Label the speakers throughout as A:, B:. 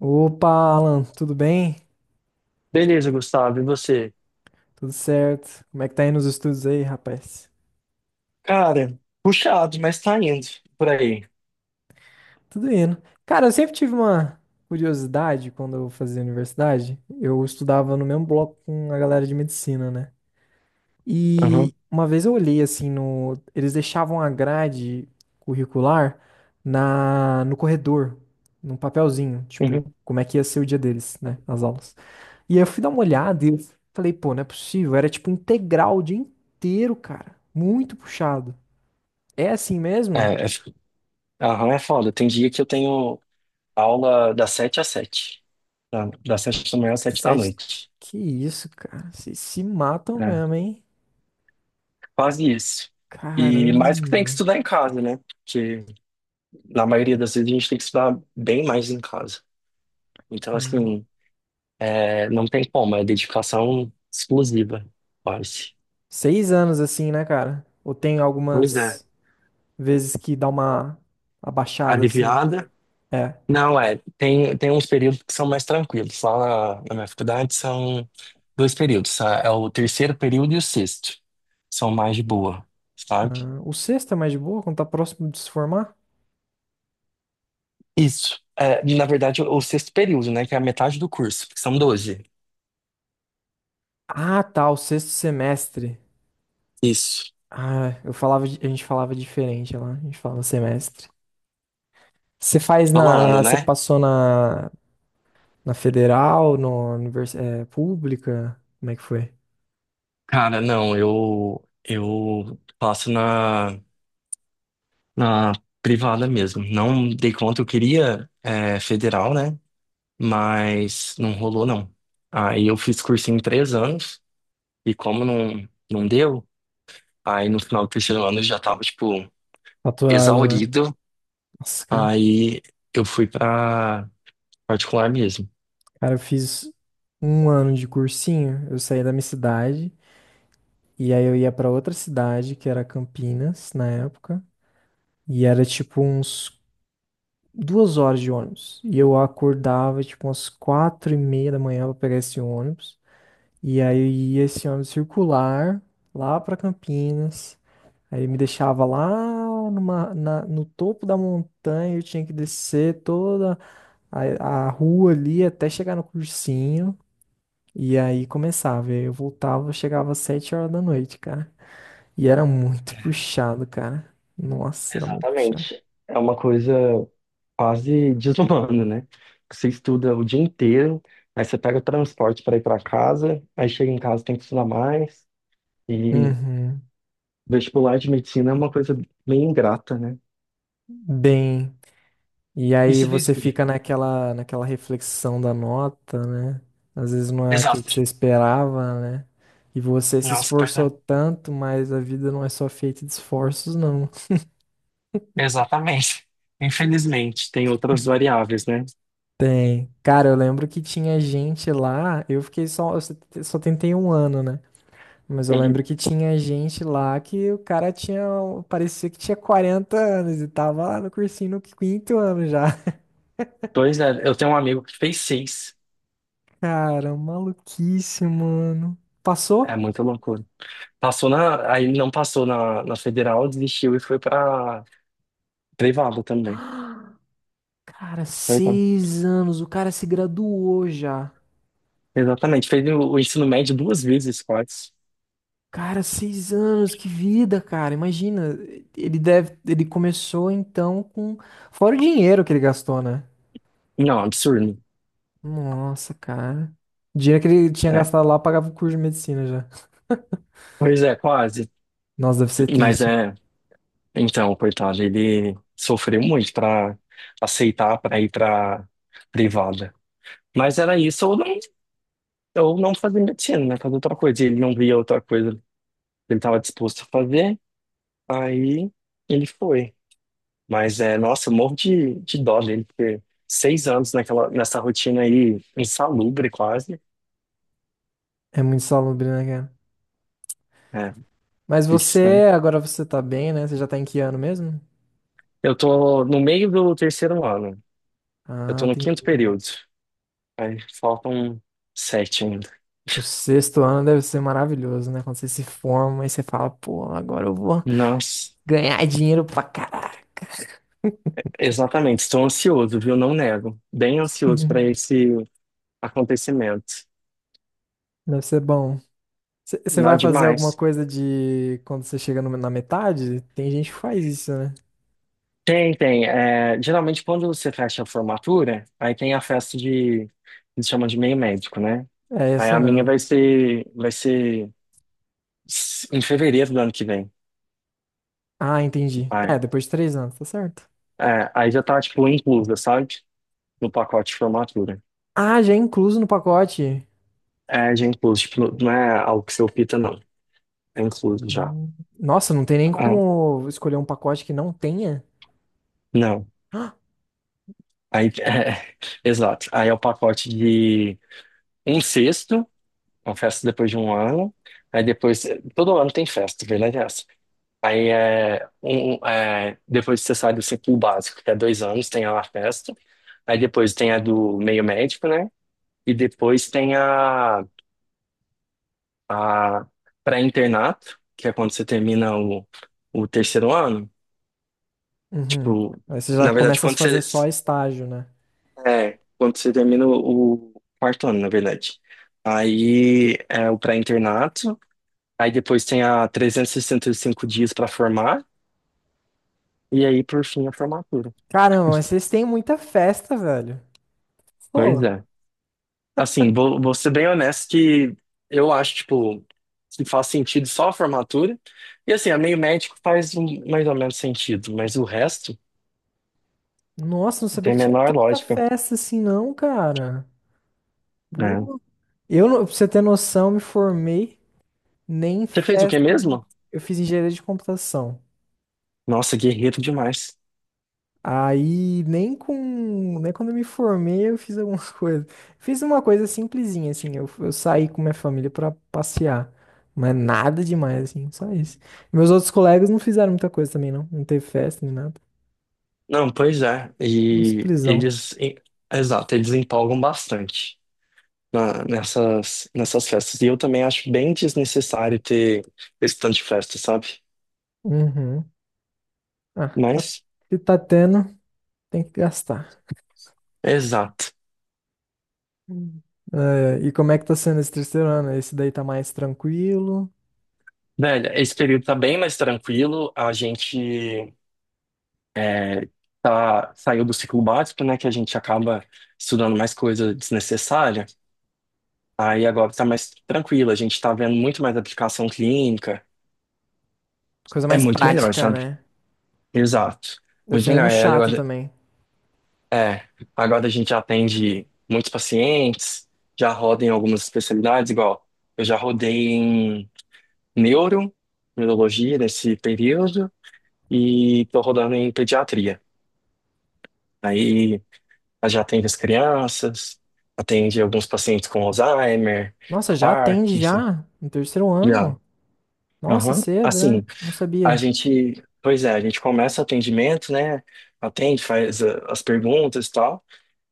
A: Opa, Alan, tudo bem?
B: Beleza, Gustavo, e você?
A: Tudo certo? Como é que tá indo os estudos aí, rapaz?
B: Cara, puxado, mas tá indo por aí.
A: Tudo indo. Cara, eu sempre tive uma curiosidade quando eu fazia universidade. Eu estudava no mesmo bloco com a galera de medicina, né?
B: Aham,
A: E uma vez eu olhei assim no, eles deixavam a grade curricular na no corredor, num papelzinho, tipo,
B: uhum.
A: como é que ia ser o dia deles, né, as aulas. E aí eu fui dar uma olhada e eu falei, pô, não é possível. Era tipo um integral o dia inteiro, cara. Muito puxado. É assim
B: É,
A: mesmo?
B: é, aham, é foda. Tem dia que eu tenho aula das 7 às 7. Das 7 da manhã às 7 da
A: Sete...
B: noite.
A: Que isso, cara. Vocês se matam
B: É,
A: mesmo, hein?
B: quase isso. E mais que tem que
A: Caramba.
B: estudar em casa, né? Porque na maioria das vezes a gente tem que estudar bem mais em casa. Então,
A: Hum.
B: assim, é, não tem como, é dedicação exclusiva, quase.
A: Seis anos assim, né, cara? Ou tem
B: Pois é,
A: algumas vezes que dá uma abaixada assim?
B: aliviada.
A: É.
B: Não, é, tem, tem uns períodos que são mais tranquilos. Lá na minha faculdade são dois períodos, é o terceiro período e o sexto. São mais de boa, sabe?
A: Ah, o sexto é mais de boa, quando tá próximo de se formar?
B: Isso. É, na verdade, o sexto período, né, que é a metade do curso, que são 12.
A: Ah, tá, o sexto semestre.
B: Isso.
A: Ah, eu falava, a gente falava diferente lá. A gente falava semestre. Você faz
B: Falando,
A: na. Você
B: né?
A: passou na, na federal, no univers, é, pública? Como é que foi?
B: Cara, não, eu faço na privada mesmo. Não dei conta, eu queria é, federal, né? Mas não rolou, não. Aí eu fiz cursinho em 3 anos. E como não deu, aí no final do terceiro ano eu já tava, tipo,
A: Faturado, né?
B: exaurido.
A: Nossa, cara.
B: Aí eu fui pra particular mesmo.
A: Cara, eu fiz um ano de cursinho. Eu saí da minha cidade. E aí eu ia pra outra cidade, que era Campinas, na época. E era tipo uns duas horas de ônibus. E eu acordava tipo umas quatro e meia da manhã pra pegar esse ônibus. E aí eu ia esse ônibus circular lá pra Campinas. Aí me deixava lá no topo da montanha, eu tinha que descer toda a rua ali até chegar no cursinho. E aí começava. Aí eu voltava, eu chegava às sete horas da noite, cara. E era muito puxado, cara. Nossa, era muito puxado.
B: Exatamente. É uma coisa quase desumana, né? Você estuda o dia inteiro, aí você pega o transporte para ir para casa, aí chega em casa tem que estudar mais. E
A: Uhum.
B: vestibular de medicina é uma coisa bem ingrata, né?
A: Bem. E
B: E
A: aí
B: você fez o
A: você
B: quê?
A: fica naquela reflexão da nota, né? Às vezes não é aquilo
B: Exato.
A: que você esperava, né? E você se
B: Nossa,
A: esforçou
B: perdão.
A: tanto, mas a vida não é só feita de esforços, não.
B: Exatamente. Infelizmente, tem outras variáveis, né?
A: Tem. Cara, eu lembro que tinha gente lá, eu fiquei só, eu só só tentei um ano, né? Mas eu lembro que tinha gente lá que o cara tinha, parecia que tinha 40 anos e tava lá no cursinho no quinto ano já.
B: Pois é, eu tenho um amigo que fez 6.
A: Cara, maluquice, mano.
B: É
A: Passou?
B: muita loucura. Passou na, aí não passou na federal, desistiu e foi pra privada também.
A: Cara,
B: Coitado.
A: seis anos, o cara se graduou já.
B: Exatamente, fez o ensino médio duas vezes, quase.
A: Cara, seis anos, que vida, cara. Imagina, ele deve, ele começou então com, fora o dinheiro que ele gastou, né?
B: Não, absurdo.
A: Nossa, cara. O dinheiro que ele tinha
B: É.
A: gastado lá pagava o curso de medicina já.
B: Pois é, quase.
A: Nossa, deve ser
B: Mas
A: triste.
B: é, então, coitado, ele sofreu muito pra aceitar pra ir pra privada. Mas era isso, ou não fazer medicina, né? Fazer outra coisa. Ele não via outra coisa que ele estava disposto a fazer, aí ele foi. Mas é, nossa, eu morro de dó dele, porque 6 anos naquela, nessa rotina aí, insalubre quase.
A: É muito salubre, né, cara?
B: É,
A: Mas
B: isso, né?
A: você, agora você tá bem, né? Você já tá em que ano mesmo?
B: Eu tô no meio do terceiro ano. Eu
A: Ah,
B: tô no quinto
A: entendi.
B: período. Aí faltam sete ainda.
A: O sexto ano deve ser maravilhoso, né? Quando você se forma e você fala, pô, agora eu vou
B: Nossa,
A: ganhar dinheiro pra caralho.
B: exatamente. Estou ansioso, viu? Não nego. Bem ansioso para esse acontecimento.
A: Deve ser bom. Você
B: Não é
A: vai fazer alguma
B: demais.
A: coisa de quando você chega na metade? Tem gente que faz isso, né?
B: Tem, tem. É, geralmente, quando você fecha a formatura, aí tem a festa de, eles chamam de meio médico, né?
A: É
B: Aí
A: essa
B: a minha
A: mesmo.
B: vai ser em fevereiro do ano que vem.
A: Ah, entendi. É,
B: Aí,
A: depois de três anos, tá certo.
B: é, aí já tá, tipo, inclusa, sabe? No pacote de formatura.
A: Ah, já é incluso no pacote.
B: É, já é incluso, tipo, não é algo que você opta, não. É incluso já.
A: Hum. Nossa, não tem nem
B: Ah,
A: como escolher um pacote que não tenha?
B: não. Aí, é, exato. Aí é o pacote de um sexto, uma festa depois de um ano. Aí depois, todo ano tem festa, verdade? Aí depois você sai do ciclo básico, que é 2 anos, tem a La Festa. Aí depois tem a do meio médico, né? E depois tem a pré-internato, que é quando você termina o terceiro ano.
A: Uhum.
B: Tipo,
A: Aí você já
B: na verdade,
A: começa a
B: quando
A: fazer
B: você,
A: só estágio, né?
B: é, quando você termina o quarto ano, na verdade. Aí é o pré-internato. Aí depois tem a 365 dias para formar. E aí, por fim, a formatura.
A: Caramba, mas vocês têm muita festa, velho.
B: Pois
A: Pô,
B: é. Assim, vou ser bem honesto que eu acho, tipo, que faz sentido só a formatura. E assim, a meio médico faz mais ou menos sentido, mas o resto
A: nossa, não sabia
B: tem a
A: que tinha
B: menor
A: tanta
B: lógica,
A: festa assim, não, cara.
B: né?
A: Pô, eu, não- pra você ter noção, eu me formei nem em
B: Você fez o quê
A: festa de...
B: mesmo?
A: Eu fiz engenharia de computação.
B: Nossa, guerreiro demais.
A: Aí, nem com... Nem quando eu me formei, eu fiz algumas coisas. Fiz uma coisa simplesinha, assim. Eu saí com minha família pra passear. Mas nada demais, assim. Só isso. Meus outros colegas não fizeram muita coisa também, não. Não teve festa, nem nada.
B: Não, pois é.
A: Muito
B: E
A: simplesão.
B: eles, exato, eles empolgam bastante nessas festas. E eu também acho bem desnecessário ter esse tanto de festa, sabe?
A: Uhum. Ah, tá,
B: Mas,
A: se tá tendo, tem que gastar.
B: exato.
A: Hum. É, e como é que tá sendo esse terceiro ano? Esse daí tá mais tranquilo,
B: Velho, esse período tá bem mais tranquilo. A gente é, tá, saiu do ciclo básico, né? Que a gente acaba estudando mais coisa desnecessária. Aí agora tá mais tranquilo. A gente tá vendo muito mais aplicação clínica.
A: coisa
B: É
A: mais
B: muito melhor,
A: prática,
B: sabe?
A: né?
B: Exato.
A: Deve
B: Muito
A: ser
B: melhor.
A: menos
B: É,
A: chato
B: agora,
A: também.
B: é, agora a gente atende muitos pacientes, já roda em algumas especialidades, igual eu já rodei em neuro, neurologia nesse período, e tô rodando em pediatria. Aí ela já atende as crianças, atende alguns pacientes com Alzheimer,
A: Nossa, já atende
B: Parkinson.
A: já no terceiro
B: Já.
A: ano? Nossa,
B: Aham.
A: cedo, né?
B: Assim,
A: Não
B: a
A: sabia.
B: gente, pois é, a gente começa o atendimento, né? Atende, faz as perguntas e tal.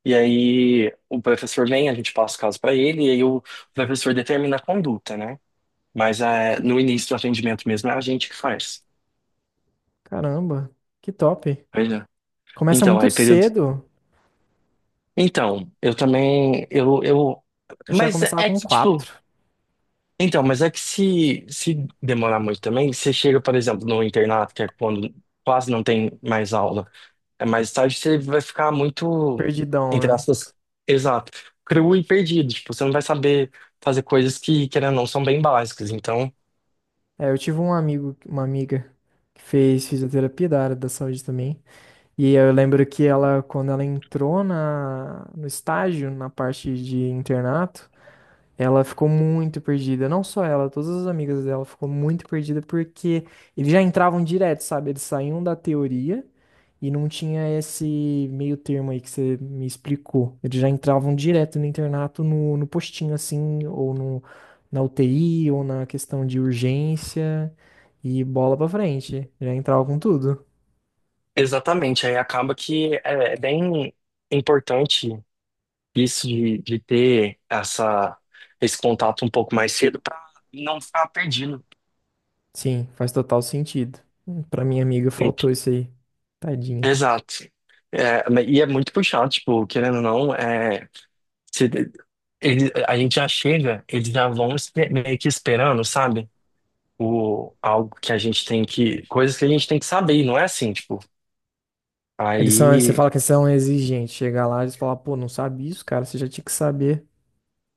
B: E aí o professor vem, a gente passa o caso para ele, e aí o professor determina a conduta, né? Mas no início do atendimento mesmo é a gente que faz.
A: Caramba, que top.
B: Pois é.
A: Começa
B: Então,
A: muito
B: aí período.
A: cedo.
B: Então, eu também,
A: Eu já
B: mas
A: começava
B: é
A: com
B: que, tipo,
A: quatro.
B: então, mas é que se demorar muito também, você chega, por exemplo, no internato, que é quando quase não tem mais aula, é mais tarde, você vai ficar muito, entre
A: Perdidão, né?
B: aspas, exato, cru e perdido. Tipo, você não vai saber fazer coisas que, querendo ou não, são bem básicas. Então,
A: É, eu tive um amigo, uma amiga que fez fisioterapia da área da saúde também. E eu lembro que ela, quando ela entrou no estágio, na parte de internato, ela ficou muito perdida, não só ela, todas as amigas dela ficou muito perdida porque eles já entravam direto, sabe? Eles saíam da teoria e não tinha esse meio termo aí que você me explicou. Eles já entravam direto no internato, no postinho assim, ou no, na UTI, ou na questão de urgência e bola pra frente. Já entravam com tudo.
B: exatamente, aí acaba que é bem importante isso de ter esse contato um pouco mais cedo para não ficar perdido.
A: Sim, faz total sentido. Pra minha amiga faltou isso aí. Tadinha.
B: Exato. É, e é muito puxado, tipo, querendo ou não, é, se- a gente já chega, eles já vão meio que esperando, sabe? O, algo que a gente tem que, coisas que a gente tem que saber, e não é assim, tipo,
A: Eles são, você
B: aí,
A: fala que eles são exigentes. Chega lá, eles falam, pô, não sabe isso, cara, você já tinha que saber.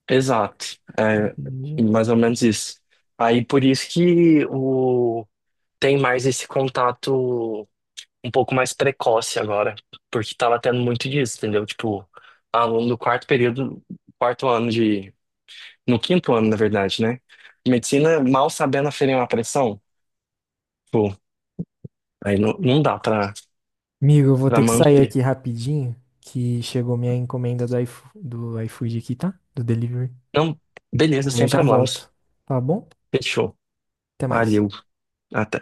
B: exato, é
A: Entendi.
B: mais ou menos isso. Aí por isso que o, tem mais esse contato um pouco mais precoce agora, porque tava tendo muito disso, entendeu? Tipo, aluno do quarto período, quarto ano de no quinto ano, na verdade, né? Medicina mal sabendo aferir uma pressão. Pô, aí não dá pra,
A: Amigo, eu vou
B: pra
A: ter que sair
B: manter.
A: aqui rapidinho, que chegou minha encomenda do iFood, aqui, tá? Do delivery.
B: Não, beleza,
A: Aí eu
B: sem
A: já
B: problemas.
A: volto, tá bom?
B: Fechou.
A: Até mais.
B: Valeu. Até.